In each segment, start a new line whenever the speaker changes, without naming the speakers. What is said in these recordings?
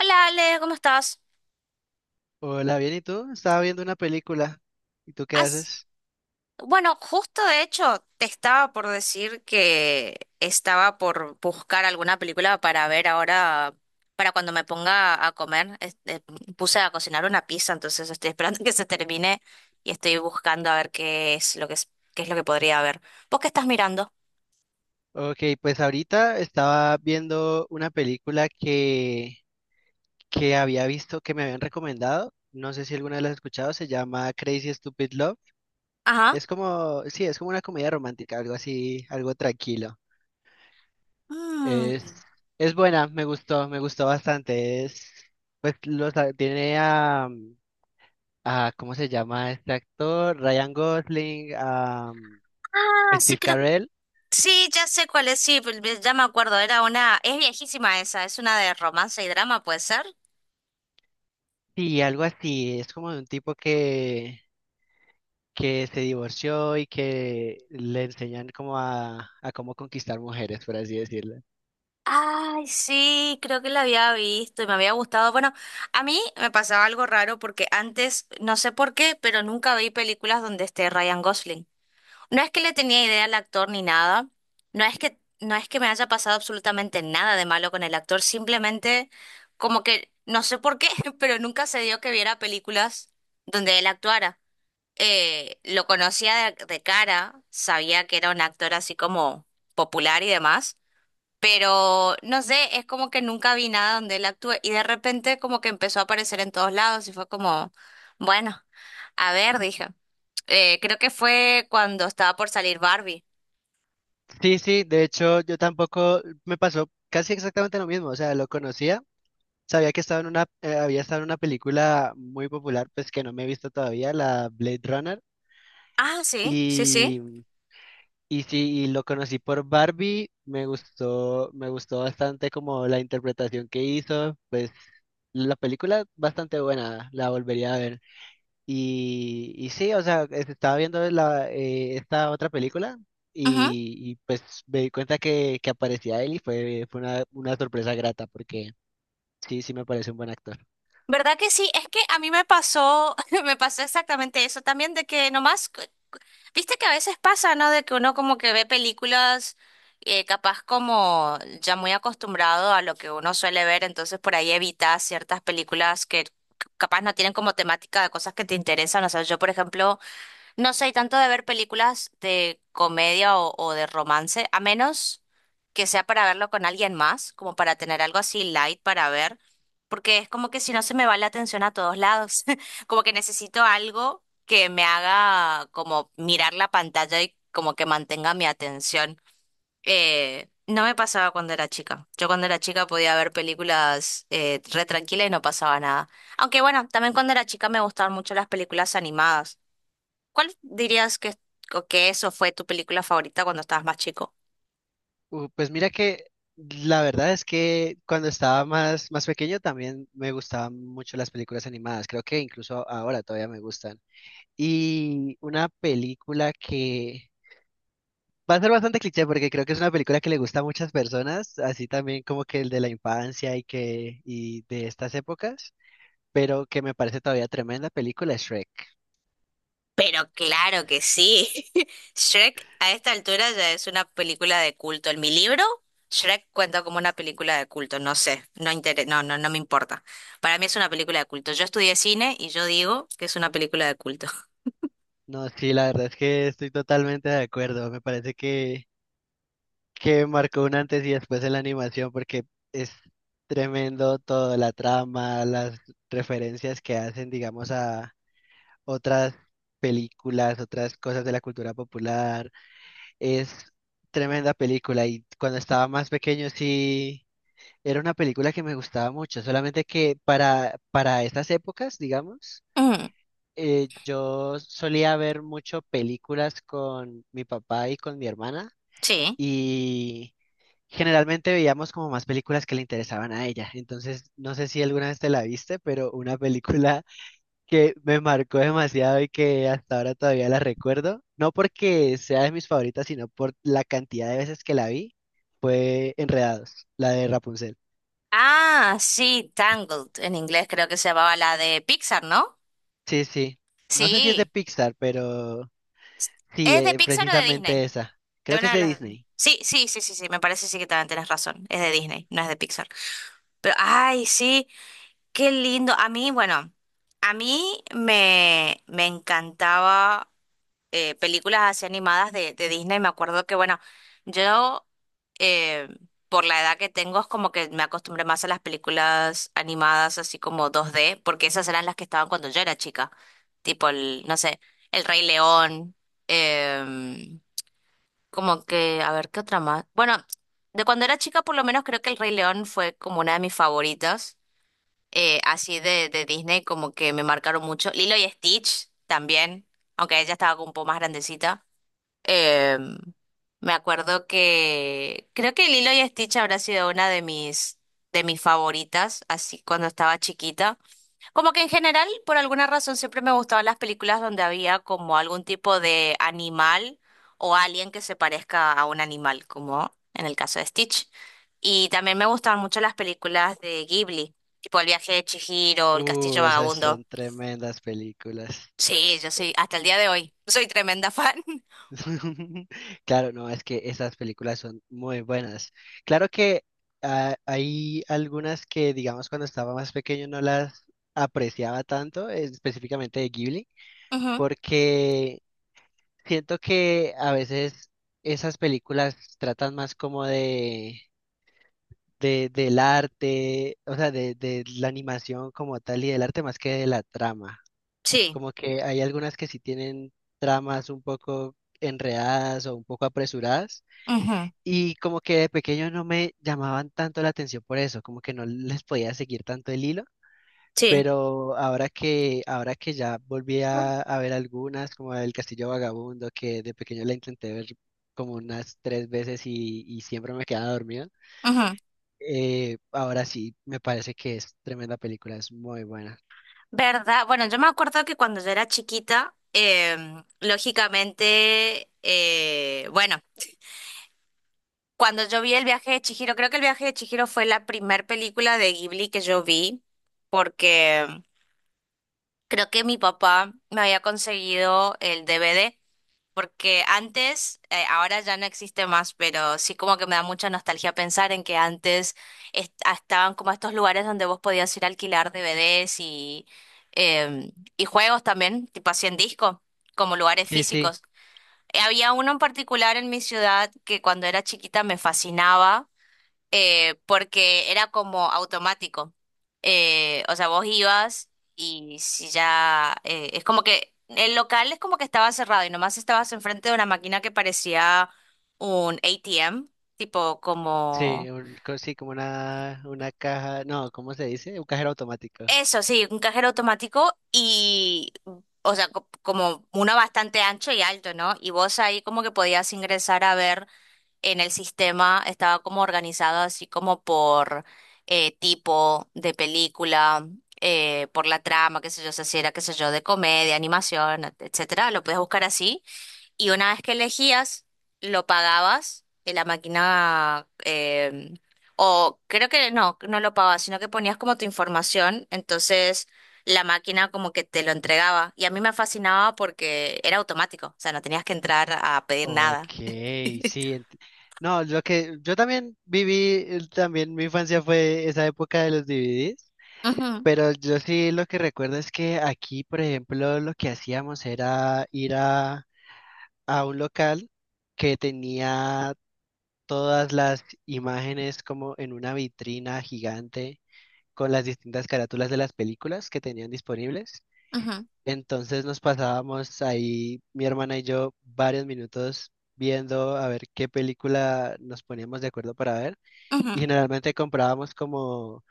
Hola Ale, ¿cómo estás?
Hola, bien, ¿y tú? Estaba viendo una película. ¿Y tú qué
As-
haces?
Bueno, justo de hecho te estaba por decir que estaba por buscar alguna película para ver ahora, para cuando me ponga a comer. Puse a cocinar una pizza, entonces estoy esperando que se termine y estoy buscando a ver qué es lo que es, qué es lo que podría ver. ¿Vos qué estás mirando?
Ok, pues ahorita estaba viendo una película que había visto, que me habían recomendado. No sé si alguna vez la has escuchado, se llama Crazy Stupid Love.
Ajá.
Es como, sí, es como una comedia romántica, algo así, algo tranquilo. Es,
Mm.
es buena, me gustó bastante. Es, pues los, tiene a ¿cómo se llama este actor? Ryan Gosling, a
Ah, sí,
Steve
creo.
Carell.
Sí, ya sé cuál es, sí, ya me acuerdo, era una, es viejísima esa, es una de romance y drama, ¿puede ser?
Sí, algo así. Es como de un tipo que se divorció y que le enseñan como a cómo conquistar mujeres, por así decirlo.
Ay, sí, creo que la había visto y me había gustado. Bueno, a mí me pasaba algo raro porque antes, no sé por qué, pero nunca vi películas donde esté Ryan Gosling. No es que le tenía idea al actor ni nada, no es que me haya pasado absolutamente nada de malo con el actor, simplemente como que no sé por qué, pero nunca se dio que viera películas donde él actuara. Lo conocía de cara, sabía que era un actor así como popular y demás, pero no sé, es como que nunca vi nada donde él actúe y de repente como que empezó a aparecer en todos lados y fue como, bueno, a ver, dije. Creo que fue cuando estaba por salir Barbie.
Sí, sí, de hecho yo tampoco me pasó casi exactamente lo mismo. O sea, lo conocía, sabía que estaba en una, había estado en una película muy popular, pues que no me he visto todavía, la Blade Runner.
Ah, sí, sí, sí.
Y sí, y lo conocí por Barbie, me gustó bastante como la interpretación que hizo, pues la película bastante buena, la volvería a ver. Y sí, o sea, estaba viendo la, esta otra película
Ujú.
y pues me di cuenta que aparecía él y fue una sorpresa grata porque sí, sí me parece un buen actor.
¿Verdad que sí? Es que a mí me pasó, me pasó exactamente eso también, de que nomás. Viste que a veces pasa, ¿no? De que uno como que ve películas, capaz como ya muy acostumbrado a lo que uno suele ver, entonces por ahí evitas ciertas películas que capaz no tienen como temática de cosas que te interesan. O sea, yo por ejemplo... No soy tanto de ver películas de comedia o de romance, a menos que sea para verlo con alguien más, como para tener algo así light para ver, porque es como que si no se me va la atención a todos lados, como que necesito algo que me haga como mirar la pantalla y como que mantenga mi atención. No me pasaba cuando era chica. Yo cuando era chica podía ver películas, re tranquila y no pasaba nada. Aunque bueno, también cuando era chica me gustaban mucho las películas animadas. ¿Cuál dirías que, o que eso fue tu película favorita cuando estabas más chico?
Pues mira que la verdad es que cuando estaba más, más pequeño también me gustaban mucho las películas animadas. Creo que incluso ahora todavía me gustan. Y una película que va a ser bastante cliché porque creo que es una película que le gusta a muchas personas, así también como que el de la infancia y que y de estas épocas, pero que me parece todavía tremenda película es Shrek.
Pero claro que sí. Shrek a esta altura ya es una película de culto. En mi libro, Shrek cuenta como una película de culto. No sé, no, no, no me importa. Para mí es una película de culto. Yo estudié cine y yo digo que es una película de culto.
No, sí, la verdad es que estoy totalmente de acuerdo. Me parece que marcó un antes y después en la animación porque es tremendo toda la trama, las referencias que hacen, digamos, a otras películas, otras cosas de la cultura popular. Es tremenda película y cuando estaba más pequeño sí era una película que me gustaba mucho, solamente que para estas épocas, digamos,
Mm,
yo solía ver mucho películas con mi papá y con mi hermana.
sí.
y Generalmente veíamos como más películas que le interesaban a ella. Entonces, no sé si alguna vez te la viste, pero una película que me marcó demasiado y que hasta ahora todavía la recuerdo, no porque sea de mis favoritas, sino por la cantidad de veces que la vi, fue Enredados, la de Rapunzel.
Ah, sí, Tangled. En inglés creo que se llamaba la de Pixar, ¿no?
Sí, sí. No sé si es de
Sí.
Pixar, pero sí,
¿Es de Pixar o de
precisamente
Disney?
esa.
De
Creo que es
una de
de
las...
Disney.
Sí, sí, sí, sí, sí, me parece sí que también tenés razón. Es de Disney, no es de Pixar. Pero, ay, sí, qué lindo. A mí, bueno, a mí me, me encantaba, películas así animadas de Disney. Me acuerdo que, bueno, yo, eh, por la edad que tengo, es como que me acostumbré más a las películas animadas así como dos d porque esas eran las que estaban cuando yo era chica. Tipo el, no sé, El Rey León. em, Como que, a ver, ¿qué otra más? Bueno, de cuando era chica, por lo menos creo que El Rey León fue como una de mis favoritas. Así de Disney, como que me marcaron mucho. Lilo y Stitch también, aunque ella estaba como un poco más grandecita. Em, Me acuerdo que creo que Lilo y Stitch habrá sido una de mis favoritas, así cuando estaba chiquita. Como que en general, por alguna razón, siempre me gustaban las películas donde había como algún tipo de animal o alguien que se parezca a un animal, como en el caso de Stitch. Y también me gustaban mucho las películas de Ghibli, tipo El viaje de Chihiro, El castillo
Esas
vagabundo.
son tremendas películas.
Sí, yo soy, hasta el día de hoy, soy tremenda fan.
Claro, no, es que esas películas son muy buenas. Claro que hay algunas que, digamos, cuando estaba más pequeño no las apreciaba tanto, específicamente de Ghibli,
Ujú,
porque siento que a veces esas películas tratan más como del arte, o sea, de la animación como tal y del arte más que de la trama.
sí,
Como que hay algunas que sí tienen tramas un poco enredadas o un poco apresuradas.
ujú,
Y como que de pequeño no me llamaban tanto la atención por eso, como que no les podía seguir tanto el hilo,
sí.
pero ahora que ya volví a ver algunas, como El Castillo Vagabundo, que de pequeño la intenté ver como unas tres veces y siempre me quedaba dormido,
Ujú.
ahora sí me parece que es tremenda película, es muy buena.
¿Verdad? Bueno, yo me acuerdo que cuando yo era chiquita, lógicamente, bueno. Cuando yo vi el viaje de Chihiro, creo que el viaje de Chihiro fue la primer película de Ghibli que yo vi, porque creo que mi papá me había conseguido el DVD, porque antes, ahora ya no existe más, pero sí como que me da mucha nostalgia pensar en que antes estaban como estos lugares donde vos podías ir a alquilar DVDs y, em, y juegos también, tipo así en disco, como lugares
Sí, sí,
físicos. Había uno en particular en mi ciudad que cuando era chiquita me fascinaba, porque era como automático. O sea, vos ibas y si ya... es como que el local es como que estaba cerrado y nomás estabas enfrente de una máquina que parecía un ATM, tipo
sí,
como...
sí, como una caja, no, ¿cómo se dice? Un cajero automático.
Eso, sí, un cajero automático y... O sea, como uno bastante ancho y alto, ¿no? Y vos ahí como que podías ingresar a ver, en el sistema estaba como organizado así como por, tipo de película, por la trama, qué sé yo, o sea, si era, qué sé yo, de comedia, animación, etcétera, lo podías buscar así. Y una vez que elegías, lo pagabas en la máquina, o creo que no, no lo pagabas, sino que ponías como tu información, entonces la máquina como que te lo entregaba. Y a mí me fascinaba porque era automático, o sea, no tenías que entrar a pedir
Ok,
nada.
sí. No, lo que yo también viví, también mi infancia fue esa época de los DVDs,
Ujú,
pero yo sí lo que recuerdo es que aquí, por ejemplo, lo que hacíamos era ir a un local que tenía todas las imágenes como en una vitrina gigante con las distintas carátulas de las películas que tenían disponibles.
ujú.
Entonces nos pasábamos ahí, mi hermana y yo, varios minutos viendo a ver qué película nos poníamos de acuerdo para ver. Y
Ujú,
generalmente comprábamos como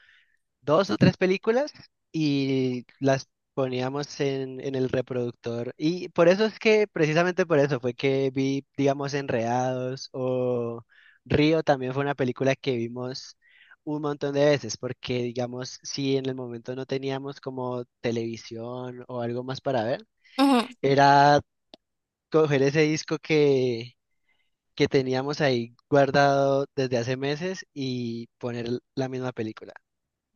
dos o tres películas y las poníamos en el reproductor. Y por eso es que, precisamente por eso fue que vi, digamos, Enredados o Río también fue una película que vimos un montón de veces, porque digamos, si en el momento no teníamos como televisión o algo más para ver,
ujú.
era coger ese disco que teníamos ahí guardado desde hace meses y poner la misma película.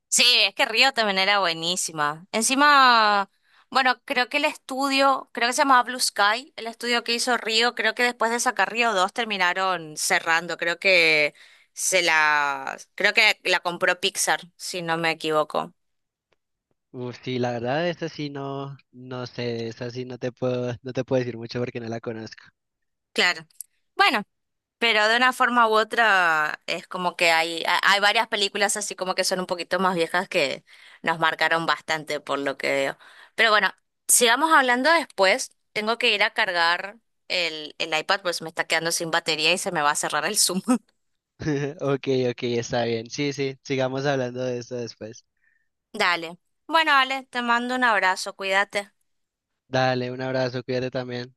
Sí, es que Río también era buenísima. Encima, bueno, creo que el estudio, creo que se llamaba Blue Sky, el estudio que hizo Río, creo que después de sacar Río 2 terminaron cerrando, creo que se la, creo que la compró Pixar, si no me equivoco.
Uf, sí, la verdad, esta sí no, no sé, esta sí no te puedo, no te puedo decir mucho porque no la conozco.
Claro. Bueno. Pero de una forma u otra es como que hay, hay varias películas así como que son un poquito más viejas que nos marcaron bastante por lo que veo. Pero bueno, sigamos hablando después. Tengo que ir a cargar el iPad, pues me está quedando sin batería y se me va a cerrar el Zoom.
Ok, ok, está bien. Sí, sí, sigamos hablando de esto después.
Dale. Bueno, Ale, te mando un abrazo, cuídate.
Dale, un abrazo, cuídate también.